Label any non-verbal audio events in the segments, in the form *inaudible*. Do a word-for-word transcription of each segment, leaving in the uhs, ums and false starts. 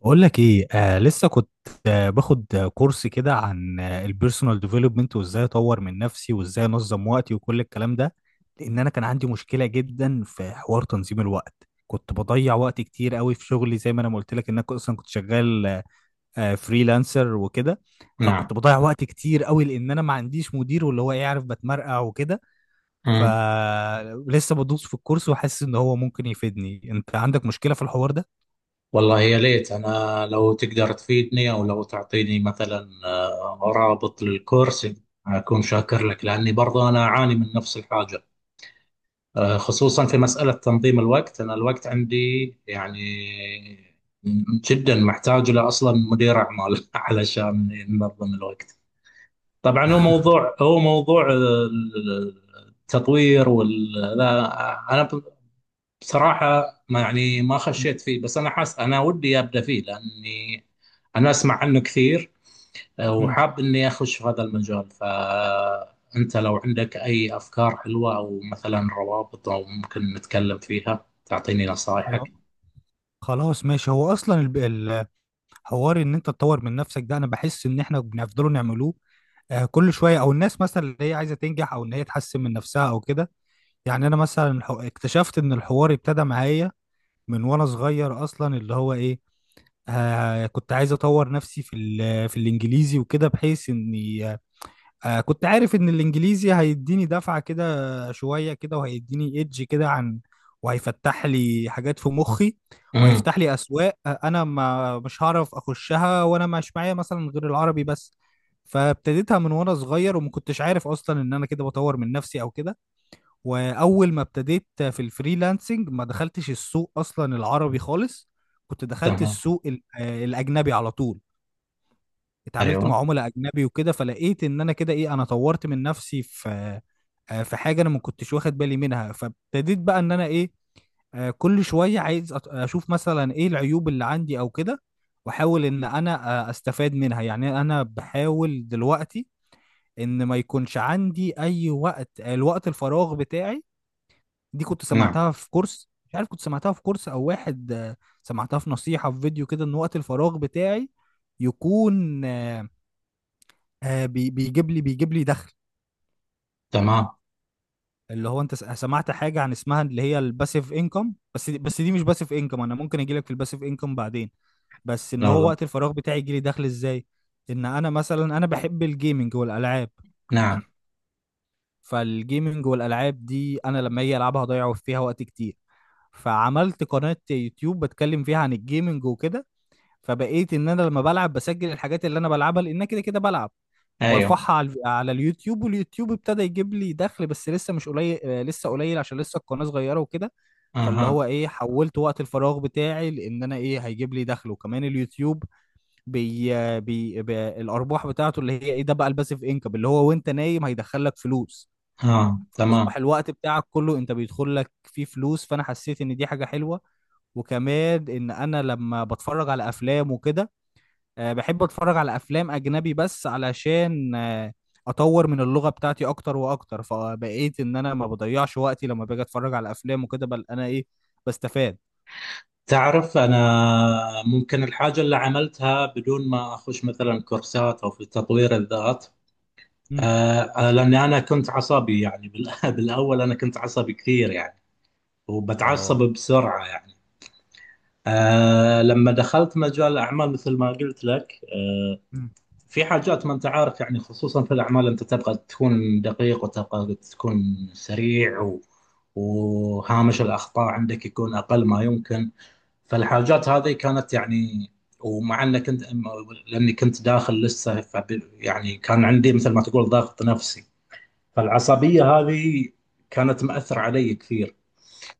بقول لك ايه، آه لسه كنت آه باخد آه، كورس كده عن آه البيرسونال ديفلوبمنت، وازاي اطور من نفسي وازاي انظم وقتي وكل الكلام ده. لان انا كان عندي مشكله جدا في حوار تنظيم الوقت، كنت بضيع وقت كتير قوي في شغلي، زي ما انا ما قلت لك ان انا اصلا كنت شغال آه فريلانسر وكده. نعم. فكنت بضيع وقت كتير قوي لان انا ما عنديش مدير، واللي هو يعرف بتمرقع وكده. مم. فلسه بدوس في الكورس وحاسس ان هو ممكن يفيدني. انت عندك مشكله في الحوار ده؟ والله، يا ليت أنا لو تقدر تفيدني أو لو تعطيني مثلا آه، رابط للكورس. أكون شاكر لك لأني برضه أنا أعاني من نفس الحاجة. آه، خصوصا في مسألة تنظيم الوقت، أنا الوقت عندي يعني جدا محتاج له أصلا مدير أعمال *laughs* علشان ينظم الوقت. طبعا هو موضوع هو موضوع آه، التطوير وال لا. أنا بصراحة ما يعني ما مم. خشيت فيه، بس أنا حاس أنا ودي أبدأ فيه لأني أنا أسمع عنه كثير، مم. وحاب إني أخش في هذا المجال. فأنت لو عندك أي أفكار حلوة أو مثلا روابط أو ممكن نتكلم فيها تعطيني خلاص. نصائحك. خلاص ماشي، هو اصلا الب- الحوار ان انت تطور من نفسك ده، انا بحس ان احنا بنفضلوا نعملوه آه، كل شويه، او الناس مثلا اللي هي عايزه تنجح او ان هي تحسن من نفسها او كده. يعني انا مثلا الح- اكتشفت ان الحوار ابتدى معايا من وانا صغير اصلا، اللي هو ايه، آه كنت عايز اطور نفسي في ال- في الانجليزي وكده، بحيث اني آه كنت عارف ان الانجليزي هيديني دفعة كده، شوية كده، وهيديني ايدج كده عن، وهيفتح لي حاجات في مخي، امم. وهيفتح لي اسواق، آه، انا ما مش هعرف اخشها وانا مش معايا مثلا غير العربي بس. فابتديتها من وانا صغير، وما كنتش عارف اصلا ان انا كده بطور من نفسي او كده. واول ما ابتديت في الفريلانسنج ما دخلتش السوق اصلا العربي خالص، كنت دخلت تمام. السوق ال- آه، الاجنبي على طول. اتعاملت مع أيوه. عملاء اجنبي وكده، فلقيت ان انا كده ايه، انا طورت من نفسي في آه، في حاجه انا ما كنتش واخد بالي منها. فابتديت بقى ان انا ايه، آه، كل شويه عايز أت- اشوف مثلا ايه العيوب اللي عندي او كده، واحاول ان انا آه، استفاد منها. يعني انا بحاول دلوقتي ان ما يكونش عندي اي وقت آه، الوقت الفراغ بتاعي. دي كنت نعم. سمعتها في كورس، مش عارف كنت سمعتها في كورس او واحد، آه، سمعتها في نصيحه في فيديو كده، ان وقت الفراغ بتاعي يكون آه، آه بي بيجيب لي بيجيب لي دخل. تمام. اللي هو انت س- سمعت حاجه عن اسمها اللي هي الباسيف انكم، بس دي بس دي مش باسيف انكم، انا ممكن اجي لك في الباسيف انكم بعدين. بس ان لا، هو لا. وقت الفراغ بتاعي يجي لي دخل ازاي؟ ان انا مثلا انا بحب الجيمنج والالعاب، نعم. فالجيمنج والالعاب دي انا لما اجي العبها هضيع فيها وقت كتير. فعملت قناه يوتيوب بتكلم فيها عن الجيمنج وكده. فبقيت ان انا لما بلعب بسجل الحاجات اللي انا بلعبها، لان أنا كده كده بلعب، أيوه. وبرفعها على الف- على اليوتيوب. واليوتيوب ابتدى يجيب لي دخل، بس لسه مش قليل، آه، لسه قليل عشان لسه القناة صغيرة وكده. فاللي هو أها. ايه، حولت وقت الفراغ بتاعي لان انا ايه هيجيب لي دخل. وكمان اليوتيوب بي بي, بي الارباح بتاعته اللي هي ايه، ده بقى الباسيف انكم، اللي هو وانت نايم هيدخل لك فلوس. آه، تمام. فاصبح الوقت بتاعك كله انت بيدخل لك فيه فلوس، فانا حسيت ان دي حاجة حلوة. وكمان ان انا لما بتفرج على افلام وكده، آه، بحب اتفرج على افلام اجنبي بس علشان آه، اطور من اللغه بتاعتي اكتر واكتر. فبقيت ان انا ما بضيعش وقتي لما باجي اتفرج على افلام وكده، بل انا ايه، بستفاد. تعرف أنا ممكن الحاجة اللي عملتها بدون ما أخش مثلا كورسات أو في تطوير الذات. مم. آه، آه، لاني انا كنت عصبي، يعني بال- *laughs* بالاول انا كنت عصبي كثير يعني، وبتعصب اه. بسرعه يعني. آه، لما دخلت مجال الاعمال مثل ما قلت لك آه، مم. في حاجات ما انت عارف يعني، خصوصا في الاعمال انت تبغى تكون دقيق وتبغى تكون سريع و وهامش الاخطاء عندك يكون اقل ما يمكن. فالحاجات هذه كانت يعني، ومع انك كنت، لاني كنت داخل لسه، فب- يعني كان عندي مثل ما تقول ضغط نفسي. فالعصبية هذه كانت مأثرة علي كثير،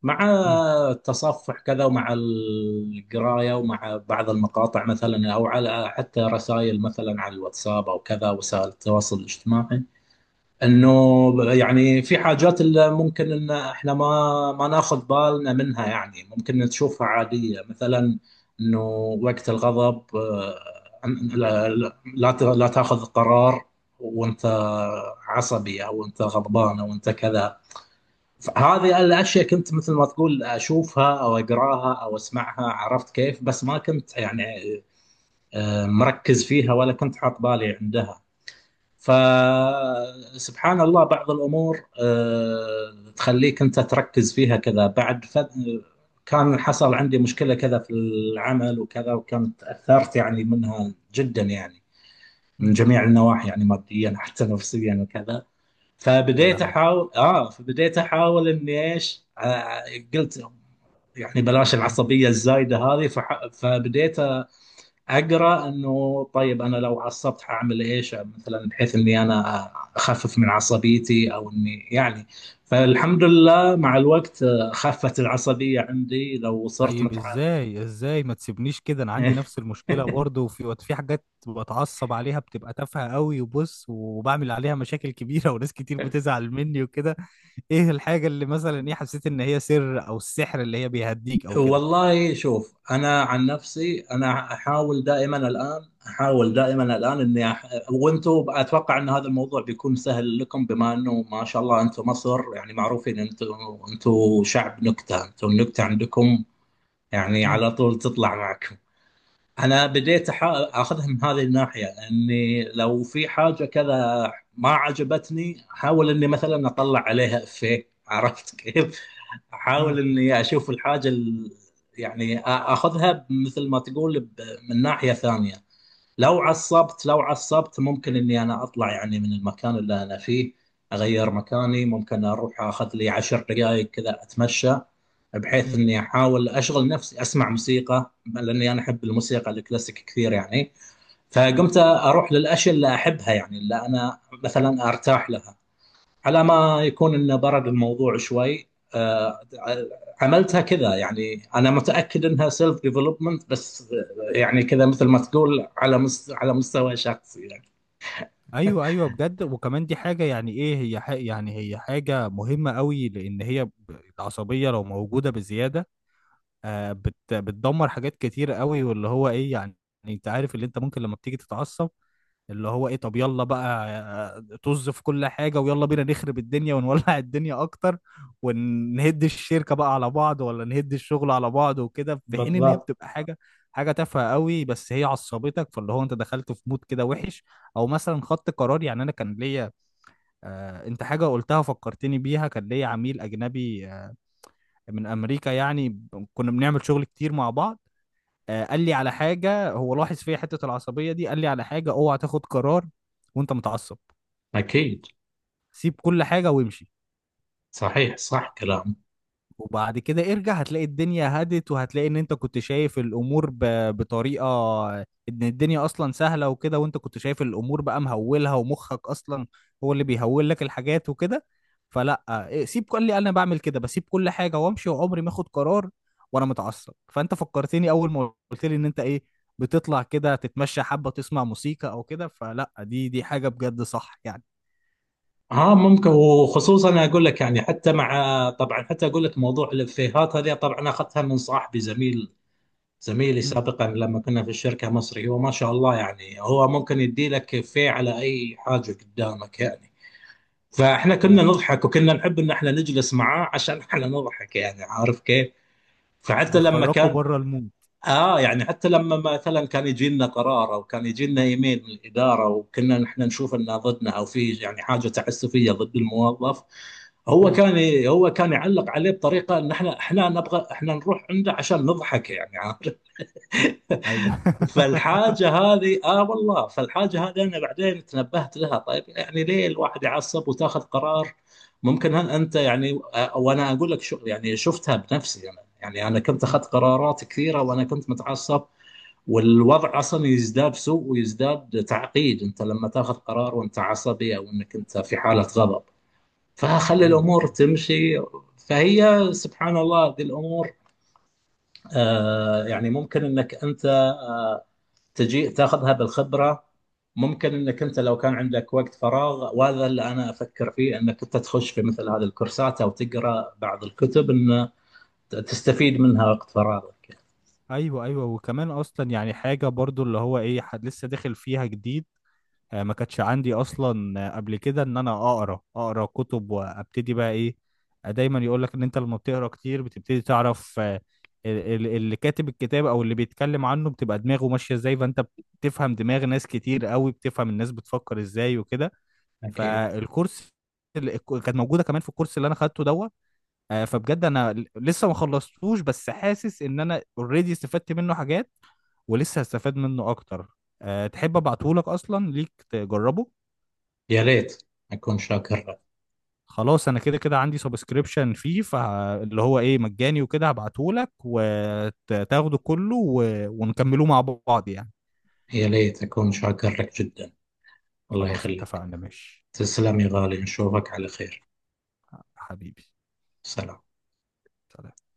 مع مم. التصفح كذا ومع القراية ومع بعض المقاطع مثلا، أو على حتى رسائل مثلا على الواتساب أو كذا وسائل التواصل الاجتماعي، مم. انه يعني في حاجات اللي ممكن ان احنا ما ما ناخذ بالنا منها، يعني ممكن تشوفها عادية مثلا. انه وقت الغضب، آه، لا، لا ت- لا تاخذ قرار وانت عصبي او انت غضبان او انت كذا. هذه الاشياء كنت مثل ما تقول اشوفها او اقراها او اسمعها، عرفت كيف؟ بس ما كنت يعني آه، مركز فيها ولا كنت حاط بالي عندها. فسبحان الله بعض الأمور آه، تخليك أنت تركز فيها كذا بعد. ف... كان حصل عندي مشكلة كذا في العمل وكذا، وكنت تأثرت يعني منها جدا يعني، من مم. جميع النواحي يعني، ماديا حتى نفسيا وكذا. يا فبديت لهوي. أحاول آه فبديت أحاول إني إيش، آه، قلت يعني بلاش مم. العصبية الزايدة هذه. فح... فبديت اقرا انه طيب انا لو عصبت حاعمل ايش مثلا، بحيث اني انا اخفف من عصبيتي او اني يعني. فالحمد لله مع الوقت آه، خفت العصبيه عندي لو صرت طيب متعال. ازاي؟ ازاي ما تسيبنيش كده، انا عندي نفس المشكله *laughs* برضه. وفي في حاجات بتعصب عليها بتبقى تافهه قوي، وبص، وبعمل عليها مشاكل كبيره *laughs* وناس كتير بتزعل مني وكده. ايه الحاجه اللي مثلا ايه حسيت ان هي سر او السحر اللي هي بيهديك او كده؟ والله، شوف انا عن نفسي، انا احاول دائما الان احاول دائما الان اني أح... وانتم اتوقع ان هذا الموضوع بيكون سهل لكم، بما انه ما شاء الله انتم مصر يعني معروفين، انتم انتم شعب نكته، انتم النكته عندكم يعني امم. على طول تطلع معكم. انا بديت أحا- اخذها من هذه الناحيه، اني لو في حاجه كذا ما عجبتني احاول اني مثلا اطلع عليها افيه، عرفت كيف؟ *laughs* احاول امم. اني اشوف الحاجه ال- يعني آ- اخذها مثل ما تقول ب- من ناحيه ثانيه. لو عصبت لو عصبت ممكن اني انا اطلع يعني من المكان اللي انا فيه، اغير مكاني، ممكن اروح اخذ لي عشر دقائق كذا اتمشى، بحيث امم. اني احاول اشغل نفسي، اسمع موسيقى لاني انا احب الموسيقى الكلاسيك كثير يعني. امم. فقمت اروح للاشياء اللي احبها، يعني اللي انا مثلا ارتاح لها، على ما يكون انه برد الموضوع شوي. آه، عملتها كذا يعني، انا متاكد انها سيلف ديفلوبمنت بس، آه، يعني كذا مثل ما تقول على مست... على مستوى شخصي يعني. ايوه، ايوه بجد. وكمان دي حاجه يعني ايه، هي حاجة، يعني هي حاجه مهمه قوي، لان هي ب- العصبيه لو موجوده بزياده، آه، بت بتدمر حاجات كتير قوي. واللي هو ايه، يعني انت عارف اللي انت ممكن لما بتيجي تتعصب اللي هو ايه، طب يلا بقى، آه، طز في كل حاجة، ويلا بينا نخرب الدنيا ونولع *laughs* الدنيا اكتر، ونهد الشركة بقى على بعض، ولا نهد الشغل على بعض وكده، في حين ان هي بالضبط. بتبقى حاجة، حاجة تافهة قوي، بس هي عصبتك، فاللي هو انت دخلت في مود كده وحش. او مثلا خدت قرار. يعني انا كان ليا، آه انت حاجة قلتها فكرتني بيها، كان ليا عميل اجنبي آه، من امريكا، يعني ب- كنا بنعمل شغل كتير مع بعض. آه، قال لي على حاجه، هو لاحظ فيا حته العصبيه دي، قال لي على حاجه: اوعى تاخد قرار وانت متعصب، أكيد. سيب كل حاجه وامشي، صحيح، صح كلامك. وبعد كده ارجع هتلاقي الدنيا هدت، وهتلاقي ان انت كنت شايف الامور ب... بطريقة ان الدنيا اصلا سهلة وكده، وانت كنت شايف الامور بقى مهولها، ومخك اصلا هو اللي بيهول لك الحاجات وكده. فلا إيه، سيب كل اللي انا بعمل كده، بسيب كل حاجة وامشي، وعمري ما اخد قرار وانا متعصب. فانت فكرتني اول ما قلت لي ان انت ايه، بتطلع كده تتمشى حبة، تسمع موسيقى او كده. فلا دي دي حاجة بجد صح يعني. ها ممكن، وخصوصا أنا اقول لك يعني، حتى مع، طبعا حتى اقول لك موضوع الافيهات هذه طبعا اخذتها من صاحبي زميل، زميلي امم. سابقا لما كنا في الشركه مصري. هو ما شاء الله يعني، هو ممكن يدي لك افيه على اي حاجه قدامك يعني. فاحنا آه، كنا نضحك وكنا نحب ان احنا نجلس معاه عشان احنا نضحك، يعني عارف كيف؟ فحتى لما بيخرجوا كان، بره المود. اه، يعني حتى لما مثلا كان يجي لنا قرار او كان يجي لنا ايميل من الاداره، وكنا نحن نشوف انه ضدنا او في يعني حاجه تعسفيه ضد الموظف، هو امم. كان ي- هو كان يعلق عليه بطريقه، ان احنا احنا نبغى احنا نروح عنده عشان نضحك يعني، عارف؟ ايوه. *laughs* *laughs* فالحاجه هذه، اه والله، فالحاجه هذه انا بعدين تنبهت لها. طيب يعني ليه الواحد يعصب وتاخذ قرار؟ ممكن هل انت يعني، آه، وانا اقول لك شو، يعني شفتها بنفسي، انا يعني انا كنت مم. اخذت قرارات كثيره وانا كنت متعصب، والوضع اصلا يزداد سوء ويزداد تعقيد انت لما تاخذ قرار وانت عصبي او انك انت في حاله غضب. فخلي ايوه، الامور ايوه. تمشي. فهي سبحان الله ذي الامور آه يعني، ممكن انك انت آه تجي تاخذها بالخبره. ممكن انك انت لو كان عندك وقت فراغ، وهذا اللي انا افكر فيه، انك انت تخش في مثل هذه الكورسات او تقرا بعض الكتب ان تستفيد منها وقت فراغك. ايوه، ايوه، وكمان اصلا يعني حاجه برضو اللي هو ايه، حد لسه داخل فيها جديد، آه، ما كانتش عندي اصلا آه، قبل كده ان انا اقرا اقرا كتب. وابتدي بقى ايه، آه، دايما يقول لك ان انت لما بتقرا كتير بتبتدي تعرف آه، ال- ال- اللي كاتب الكتاب او اللي بيتكلم عنه بتبقى دماغه ماشيه ازاي، فانت بتفهم دماغ ناس كتير قوي، بتفهم الناس بتفكر ازاي وكده. اكيد. فالكورس اللي كانت موجوده كمان في الكورس اللي انا خدته دوت، آه، فبجد انا ل- لسه ما خلصتوش، بس حاسس ان انا اوريدي استفدت منه حاجات، ولسه هستفاد منه اكتر. أه، تحب ابعتهولك؟ اصلا ليك تجربه. يا ريت، اكون شاكر. خلاص، انا كده كده عندي سبسكريبشن فيه، فاللي هو ايه مجاني وكده، هبعتهولك وتاخده كله و... ونكملوه مع بعض يعني. يا ليت أكون شاكر لك جدا. الله خلاص، يخليك. اتفقنا ماشي. تسلم يا غالي، نشوفك على خير. حبيبي. سلام. سلام.